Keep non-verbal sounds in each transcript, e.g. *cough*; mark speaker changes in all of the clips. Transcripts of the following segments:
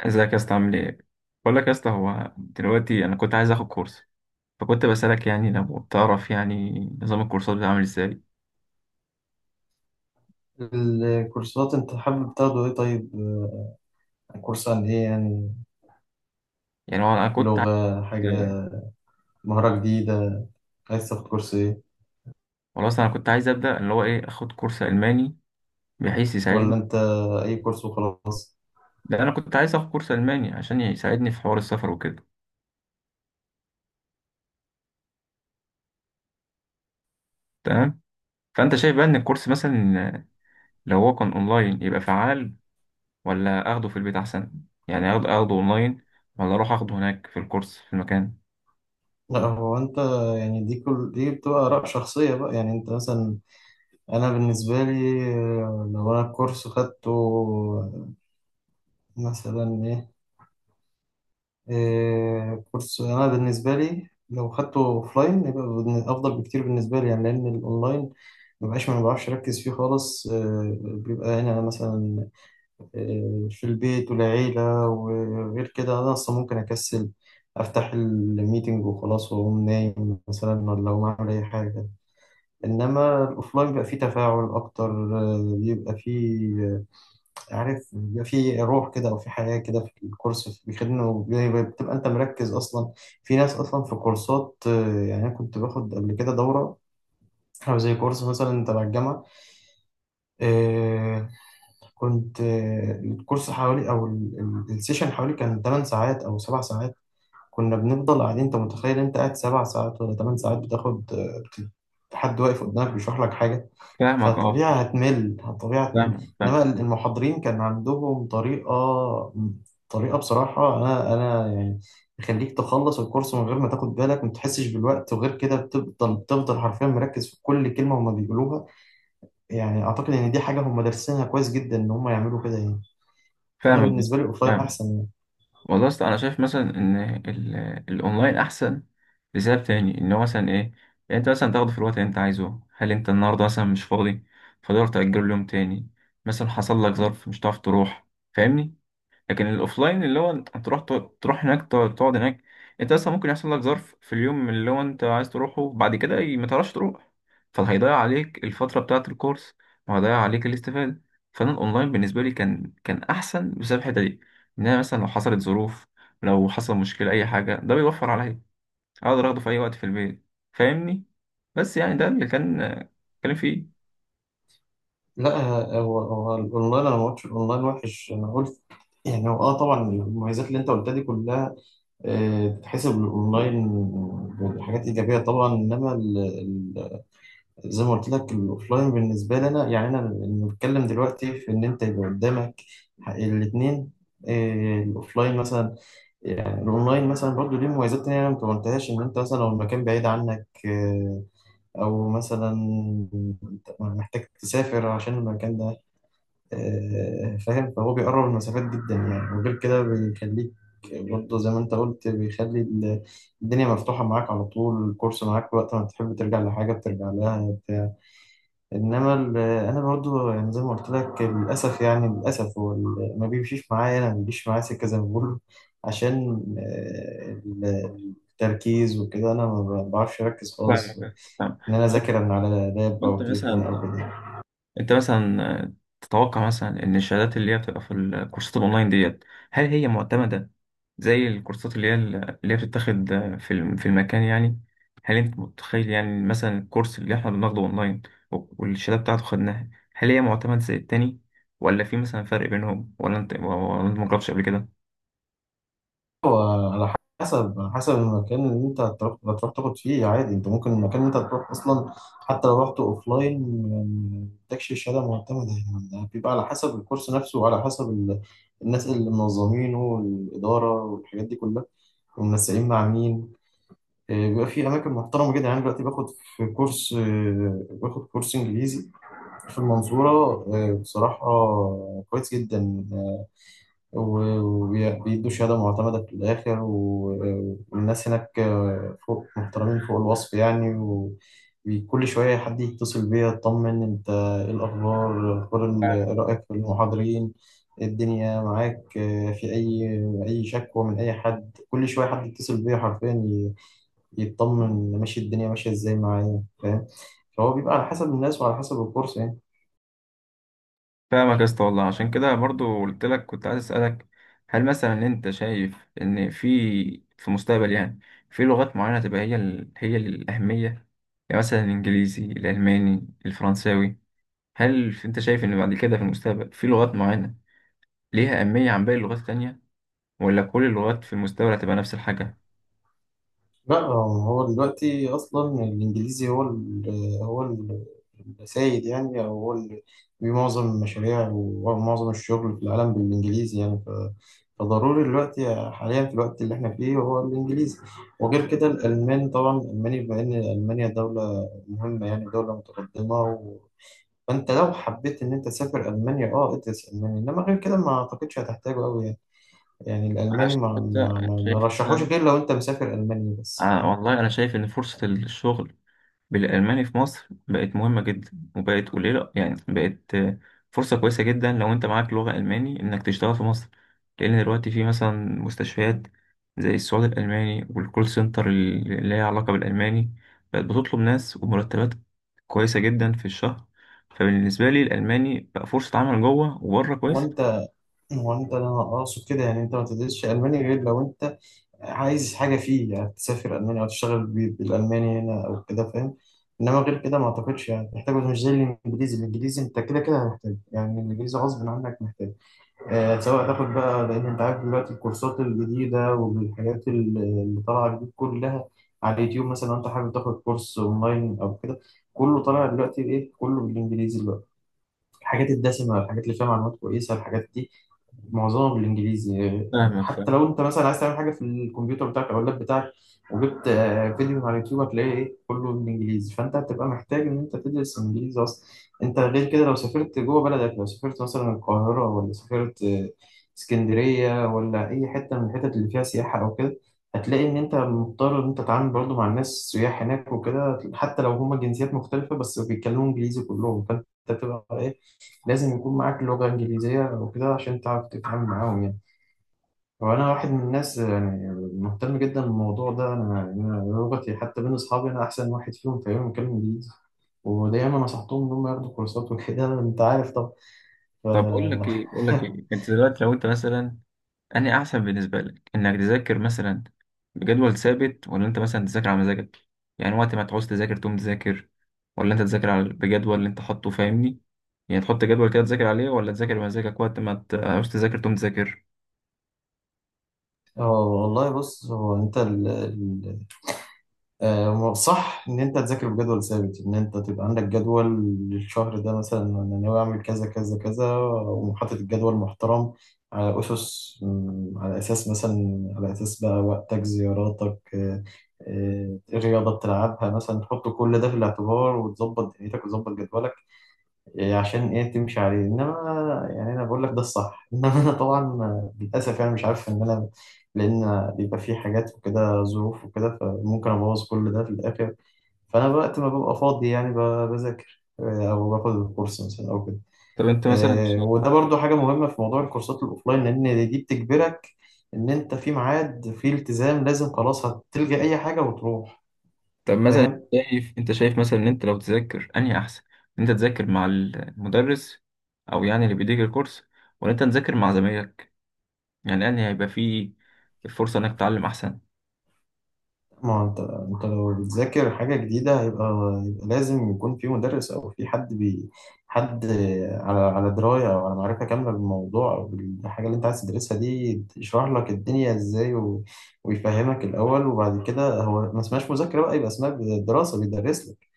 Speaker 1: ازيك يا اسطى؟ عامل ايه؟ بقول لك يا اسطى، هو دلوقتي انا كنت عايز اخد كورس. فكنت بسالك، يعني لو بتعرف يعني نظام الكورسات بتاعه عامل ازاي.
Speaker 2: الكورسات انت حابب تاخده ايه؟ طيب، كورس عن ايه يعني؟
Speaker 1: يعني هو انا كنت
Speaker 2: لغة، حاجة،
Speaker 1: عايز
Speaker 2: مهارة جديدة؟ عايز تاخد كورس ايه؟
Speaker 1: خلاص انا كنت عايز ابدا اللي هو ايه اخد كورس الماني بحيث يساعدني.
Speaker 2: ولا انت اي كورس وخلاص؟
Speaker 1: لا، انا كنت عايز اخد كورس الماني عشان يساعدني في حوار السفر وكده. تمام. فانت شايف بقى ان الكورس مثلا لو هو كان اونلاين يبقى فعال، ولا اخده في البيت احسن؟ يعني اخده اونلاين، ولا اروح اخده هناك في الكورس في المكان؟
Speaker 2: لا، هو يعني كل دي بتبقى آراء شخصية بقى. يعني انت مثلا، انا بالنسبة لي لو انا الكورس خدته مثلا ايه؟ كورس، أنا بالنسبة لي لو خدته أوفلاين يبقى أفضل بكتير بالنسبة لي، يعني لأن الأونلاين ما بعرفش أركز فيه خالص. بيبقى هنا مثلا في البيت والعيلة، وغير كده أنا أصلا ممكن أكسل، أفتح الميتنج وخلاص وأقوم نايم مثلا، ولا أقوم أعمل أي حاجة. إنما الأوفلاين بيبقى فيه تفاعل أكتر، بيبقى فيه، عارف، بيبقى في روح كده او في حياه كده في الكورس بيخدمه، بتبقى انت مركز اصلا. في ناس اصلا في كورسات، يعني انا كنت باخد قبل كده دوره او زي كورس مثلا تبع الجامعه. آه، كنت، الكورس حوالي السيشن حوالي كان 8 ساعات او 7 ساعات، كنا بنفضل قاعدين. انت متخيل انت قاعد سبع ساعات ولا ثمان ساعات حد واقف قدامك بيشرح لك حاجة؟
Speaker 1: فاهمك، اه.
Speaker 2: فطبيعي هتمل، طبيعي هتمل.
Speaker 1: فاهمك،
Speaker 2: انما
Speaker 1: فاهمك.
Speaker 2: المحاضرين كان عندهم طريقة، طريقة بصراحة انا يعني يخليك تخلص الكورس من غير ما تاخد بالك، ما تحسش بالوقت، وغير كده بتفضل حرفيا مركز في كل كلمة هما بيقولوها. يعني اعتقد ان دي حاجة هما دارسينها كويس جدا، ان هما يعملوا كده يعني. فانا
Speaker 1: فاهمك يا
Speaker 2: بالنسبة
Speaker 1: اسطى.
Speaker 2: لي الاوفلاين
Speaker 1: فاهمك.
Speaker 2: احسن يعني.
Speaker 1: والله أصل أنا شايف مثلا إن الأونلاين أحسن لسبب تاني، إن هو مثلا إيه، يعني أنت مثلا تاخده في الوقت اللي أنت عايزه. هل أنت النهاردة مثلا مش فاضي؟ فتقدر تأجله ليوم تاني. مثلا حصل لك ظرف مش هتعرف تروح. فاهمني. لكن الاوفلاين اللي هو انت تروح، تروح هناك، تقعد هناك. انت اصلا ممكن يحصل لك ظرف في اليوم اللي هو انت عايز تروحه، بعد كده ما تعرفش تروح. فهيضيع عليك الفتره بتاعه الكورس، وهيضيع عليك الاستفاده. فانا الاونلاين بالنسبه لي كان احسن بسبب الحته دي. ان انا مثلا لو حصلت ظروف، لو حصل مشكله اي حاجه، ده بيوفر عليا. اقدر اخده في اي وقت في البيت. فاهمني. بس يعني ده اللي كان فيه.
Speaker 2: لا، هو الاونلاين انا ما قلتش الاونلاين وحش، انا قلت يعني، هو اه طبعا المميزات اللي انت قلتها دي كلها تتحسب الاونلاين بحاجات ايجابيه طبعا. زي ما قلت لك الاوفلاين بالنسبه لي انا، يعني انا بنتكلم دلوقتي في ان انت يبقى قدامك الاثنين. الاوفلاين مثلا، يعني الاونلاين مثلا برضه ليه مميزات تانية أنا ما قلتهاش، ان انت مثلا لو المكان بعيد عنك او مثلا محتاج تسافر عشان المكان ده. فاهم، فهو بيقرب المسافات جدا يعني، وغير كده بيخليك برضه زي ما انت قلت الدنيا مفتوحة معاك على طول، الكورس معاك وقت ما تحب، ترجع لحاجة بترجع لها بتاع. انا برضه يعني زي ما قلت لك، للأسف يعني للأسف ما بيمشيش معايا، انا ما بيجيش معايا سكة زي ما بقول، عشان التركيز وكده انا ما بعرفش اركز خالص
Speaker 1: فاهمك، فاهم.
Speaker 2: ان انا اذاكر من على لاب
Speaker 1: انت
Speaker 2: او تليفون او
Speaker 1: مثلا
Speaker 2: كده.
Speaker 1: انت مثلا تتوقع مثلا ان الشهادات اللي هي بتبقى في الكورسات الاونلاين ديت، هل هي معتمدة زي الكورسات اللي هي بتتاخد في في المكان يعني؟ هل انت متخيل يعني مثلا الكورس اللي احنا بناخده اونلاين والشهادة بتاعته خدناها، هل هي معتمد زي التاني؟ ولا في مثلا فرق بينهم؟ ولا انت مجربتش قبل كده؟
Speaker 2: هو على على حسب المكان اللي انت هتروح تاخد فيه عادي. انت ممكن المكان اللي انت هتروح اصلا حتى لو رحت اوف لاين ما تاخدش الشهاده معتمده، يعني بيبقى على حسب الكورس نفسه وعلى حسب ال... الناس اللي منظمينه والاداره والحاجات دي كلها، ومنسقين مع مين. اه، بيبقى في اماكن محترمه جدا يعني. دلوقتي باخد في كورس، اه، باخد كورس انجليزي في المنصوره، اه، بصراحه كويس جدا، وبيدوا شهادة معتمدة في الآخر. والناس هناك فوق محترمين فوق الوصف يعني، وكل شوية حد يتصل بيا يطمن أنت إيه الأخبار، رأيك في المحاضرين إيه، الدنيا معاك في أي شكوى من أي حد. كل شوية حد يتصل بيا حرفيا يطمن ماشي الدنيا ماشية إزاي معايا، فاهم. فهو بيبقى على حسب الناس وعلى حسب الكورس يعني.
Speaker 1: فاهمك يا اسطى. والله عشان كده برضو قلت لك كنت عايز اسالك، هل مثلا انت شايف ان في المستقبل يعني في لغات معينه تبقى هي هي الاهميه؟ يعني مثلا الانجليزي، الالماني، الفرنساوي. هل انت شايف ان بعد كده في المستقبل في لغات معينه ليها اهميه عن باقي اللغات التانية، ولا كل اللغات في المستقبل هتبقى نفس الحاجه؟
Speaker 2: لا، هو دلوقتي اصلا الانجليزي هو السيد يعني، او هو اللي في معظم المشاريع ومعظم الشغل في العالم بالانجليزي يعني. فضروري دلوقتي حاليا في الوقت اللي احنا فيه هو الانجليزي. وغير كده الالمان طبعا، الالماني بما ان المانيا دوله مهمه يعني، دوله متقدمه، و... فانت لو حبيت ان انت تسافر المانيا اه ادرس الماني. انما غير كده ما اعتقدش هتحتاجه قوي يعني. يعني
Speaker 1: انا
Speaker 2: الالماني ما
Speaker 1: شايف
Speaker 2: ما ما ما
Speaker 1: شايف
Speaker 2: رشحوش
Speaker 1: مثلا،
Speaker 2: غير لو انت مسافر المانيا بس.
Speaker 1: آه والله انا شايف ان فرصه الشغل بالألماني في مصر بقت مهمة جدا، وبقت قليلة يعني. بقت فرصة كويسة جدا لو أنت معاك لغة ألماني إنك تشتغل في مصر. لأن دلوقتي في مثلا مستشفيات زي السعودي الألماني والكول سنتر اللي ليها علاقة بالألماني بقت بتطلب ناس، ومرتبات كويسة جدا في الشهر. فبالنسبة لي الألماني بقى فرصة عمل جوه وبره
Speaker 2: هو
Speaker 1: كويس.
Speaker 2: انت هو انت انا اقصد كده يعني، انت ما تدرسش الماني غير لو انت عايز حاجه فيه، يعني تسافر المانيا او تشتغل بالالماني هنا او كده، فاهم. انما غير كده ما اعتقدش يعني محتاجه، مش زي الانجليزي. الانجليزي انت كده كده هتحتاج يعني، الانجليزي غصب عنك محتاج، آه، سواء تاخد بقى، لان انت عارف دلوقتي الكورسات الجديده اللي طالعه جديد كلها على اليوتيوب مثلا، لو انت حابب تاخد كورس اونلاين او كده كله طالع دلوقتي ايه كله بالانجليزي دلوقتي. الحاجات الدسمه، الحاجات اللي فيها معلومات كويسه، الحاجات دي معظمها بالانجليزي.
Speaker 1: فاهمك،
Speaker 2: حتى لو
Speaker 1: فاهم.
Speaker 2: انت مثلا عايز تعمل حاجه في الكمبيوتر بتاعك او اللاب بتاعك وجبت فيديو على اليوتيوب هتلاقيه ايه كله بالانجليزي، فانت هتبقى محتاج ان انت تدرس انجليزي اصلا. انت غير كده لو سافرت جوه بلدك، لو سافرت مثلا القاهره ولا سافرت اسكندريه ولا اي حته من الحتت اللي فيها سياحه او كده، هتلاقي ان انت مضطر ان انت تتعامل برضه مع الناس السياح هناك وكده، حتى لو هما جنسيات مختلفه بس بيتكلموا انجليزي كلهم، فانت بتبقى ايه لازم يكون معاك لغة إنجليزية وكده عشان تعرف تتعامل معاهم يعني. وأنا واحد من الناس يعني مهتم جدا بالموضوع ده، أنا يعني أنا لغتي حتى بين أصحابي أنا أحسن واحد فيهم تقريبا بيتكلم إنجليزي، ودايما نصحتهم إن هم ياخدوا كورسات وكده *laughs* أنت عارف طبعا. ف...
Speaker 1: طب أقول لك
Speaker 2: *laughs*
Speaker 1: إيه أقول لك إيه أنت دلوقتي لو أنت مثلا أنهي أحسن بالنسبة لك؟ إنك تذاكر مثلا بجدول ثابت، ولا أنت مثلا تذاكر على مزاجك، يعني وقت ما تعوز تذاكر تقوم تذاكر؟ ولا أنت تذاكر على بجدول اللي أنت حاطه؟ فاهمني، يعني تحط جدول كده تذاكر عليه، ولا تذاكر بمزاجك وقت ما تعوز تذاكر تقوم تذاكر؟
Speaker 2: اه والله بص، هو انت صح ان انت تذاكر بجدول ثابت، ان انت تبقى عندك جدول للشهر ده مثلا، انا ناوي اعمل كذا كذا كذا، وحاطط الجدول محترم على اسس، على اساس مثلا، على اساس بقى وقتك، زياراتك، الرياضه بتلعبها مثلا، تحط كل ده في الاعتبار وتظبط دنيتك وتظبط جدولك إيه عشان ايه تمشي عليه. انما يعني انا بقول لك ده الصح *laughs* انما انا طبعا للاسف يعني مش عارف ان انا، لان بيبقى في حاجات وكده، ظروف وكده، فممكن ابوظ كل ده في الاخر. فانا وقت ما ببقى فاضي يعني بذاكر، او باخد الكورس مثلا او كده.
Speaker 1: طب أنت مثلا
Speaker 2: وده برضو حاجه مهمه في موضوع الكورسات الاوفلاين، لان دي بتجبرك ان انت في ميعاد، في التزام لازم، خلاص هتلجأ اي حاجه وتروح،
Speaker 1: طب مثلا
Speaker 2: فاهم.
Speaker 1: شايف مثلا إن أنت لو تذاكر أنهي أحسن؟ إن أنت تذاكر مع المدرس أو يعني اللي بيديك الكورس، ولا أنت تذاكر مع زمايلك؟ يعني أنهي هيبقى فيه فرصة إنك تتعلم أحسن؟
Speaker 2: ما هو انت لو بتذاكر حاجة جديدة هيبقى لازم يكون في مدرس او في حد على دراية او على معرفة كاملة بالموضوع او بالحاجة اللي انت عايز تدرسها دي، يشرح لك الدنيا ازاي و... ويفهمك الاول. وبعد كده هو ما اسمهاش مذاكرة بقى، يبقى اسمها دراسة، بيدرس لك.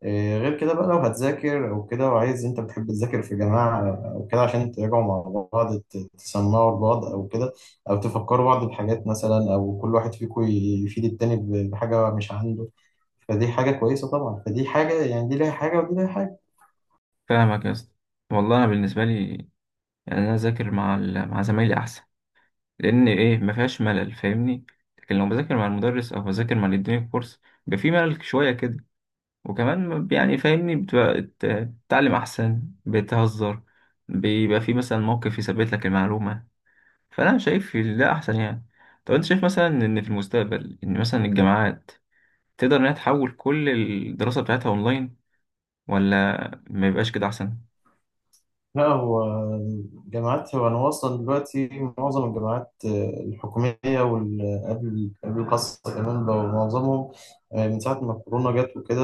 Speaker 2: إيه، غير كده بقى لو هتذاكر او كده وعايز، انت بتحب تذاكر في جماعه او كده عشان تراجعوا مع بعض، تسمعوا لبعض او كده، او تفكروا بعض بحاجات مثلا، او كل واحد فيكم يفيد التاني بحاجه مش عنده، فدي حاجه كويسه طبعا. فدي حاجه يعني، دي ليها حاجه ودي ليها حاجه.
Speaker 1: فاهمك يا اسطى. والله انا بالنسبه لي يعني انا اذاكر مع مع زمايلي احسن، لان ايه، ما فيهاش ملل. فاهمني، لكن لو بذاكر مع المدرس او بذاكر مع اللي اداني الكورس بيبقى في ملل شويه كده. وكمان يعني فاهمني بتبقى بتتعلم احسن، بتهزر، بيبقى في مثلا موقف يثبت لك المعلومه. فانا شايف ده احسن يعني. طب انت شايف مثلا ان في المستقبل ان مثلا الجامعات تقدر انها تحول كل الدراسه بتاعتها اونلاين، ولا ما يبقاش كده احسن؟
Speaker 2: لا، هو الجامعات، هو أنا واصلا دلوقتي معظم الجامعات الحكومية قبل، قبل الخاصة كمان بقوا معظمهم من ساعة ما الكورونا جت وكده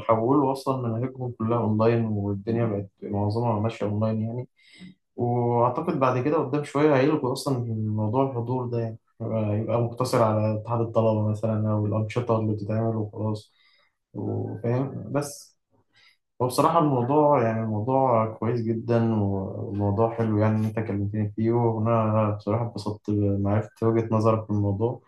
Speaker 2: حولوا أصلا مناهجهم كلها أونلاين، والدنيا بقت معظمها ماشية أونلاين يعني. وأعتقد بعد كده قدام شوية هيلغوا أصلا موضوع الحضور ده يعني، هيبقى يبقى مقتصر على اتحاد الطلبة مثلا أو الأنشطة اللي بتتعمل وخلاص، وفاهم بس. هو بصراحة الموضوع يعني الموضوع كويس جدا وموضوع حلو، يعني إن أنت كلمتني فيه، وأنا بصراحة اتبسطت معرفت وجهة نظرك في الموضوع،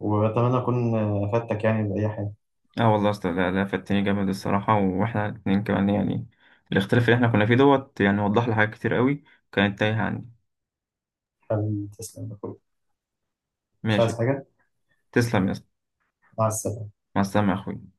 Speaker 2: وأتمنى أكون أفدتك يعني بأي حاجة.
Speaker 1: اه والله اصل ده فاتني جامد الصراحه، واحنا الاتنين كمان يعني الاختلاف اللي احنا كنا فيه دوت يعني وضح لي حاجات كتير قوي كانت تايهه عني.
Speaker 2: حبيبي تسلم يا أخوي. مش عايز
Speaker 1: ماشي.
Speaker 2: حاجة.
Speaker 1: تسلم يا اسطى.
Speaker 2: مع السلامة.
Speaker 1: مع السلامه يا اخوي.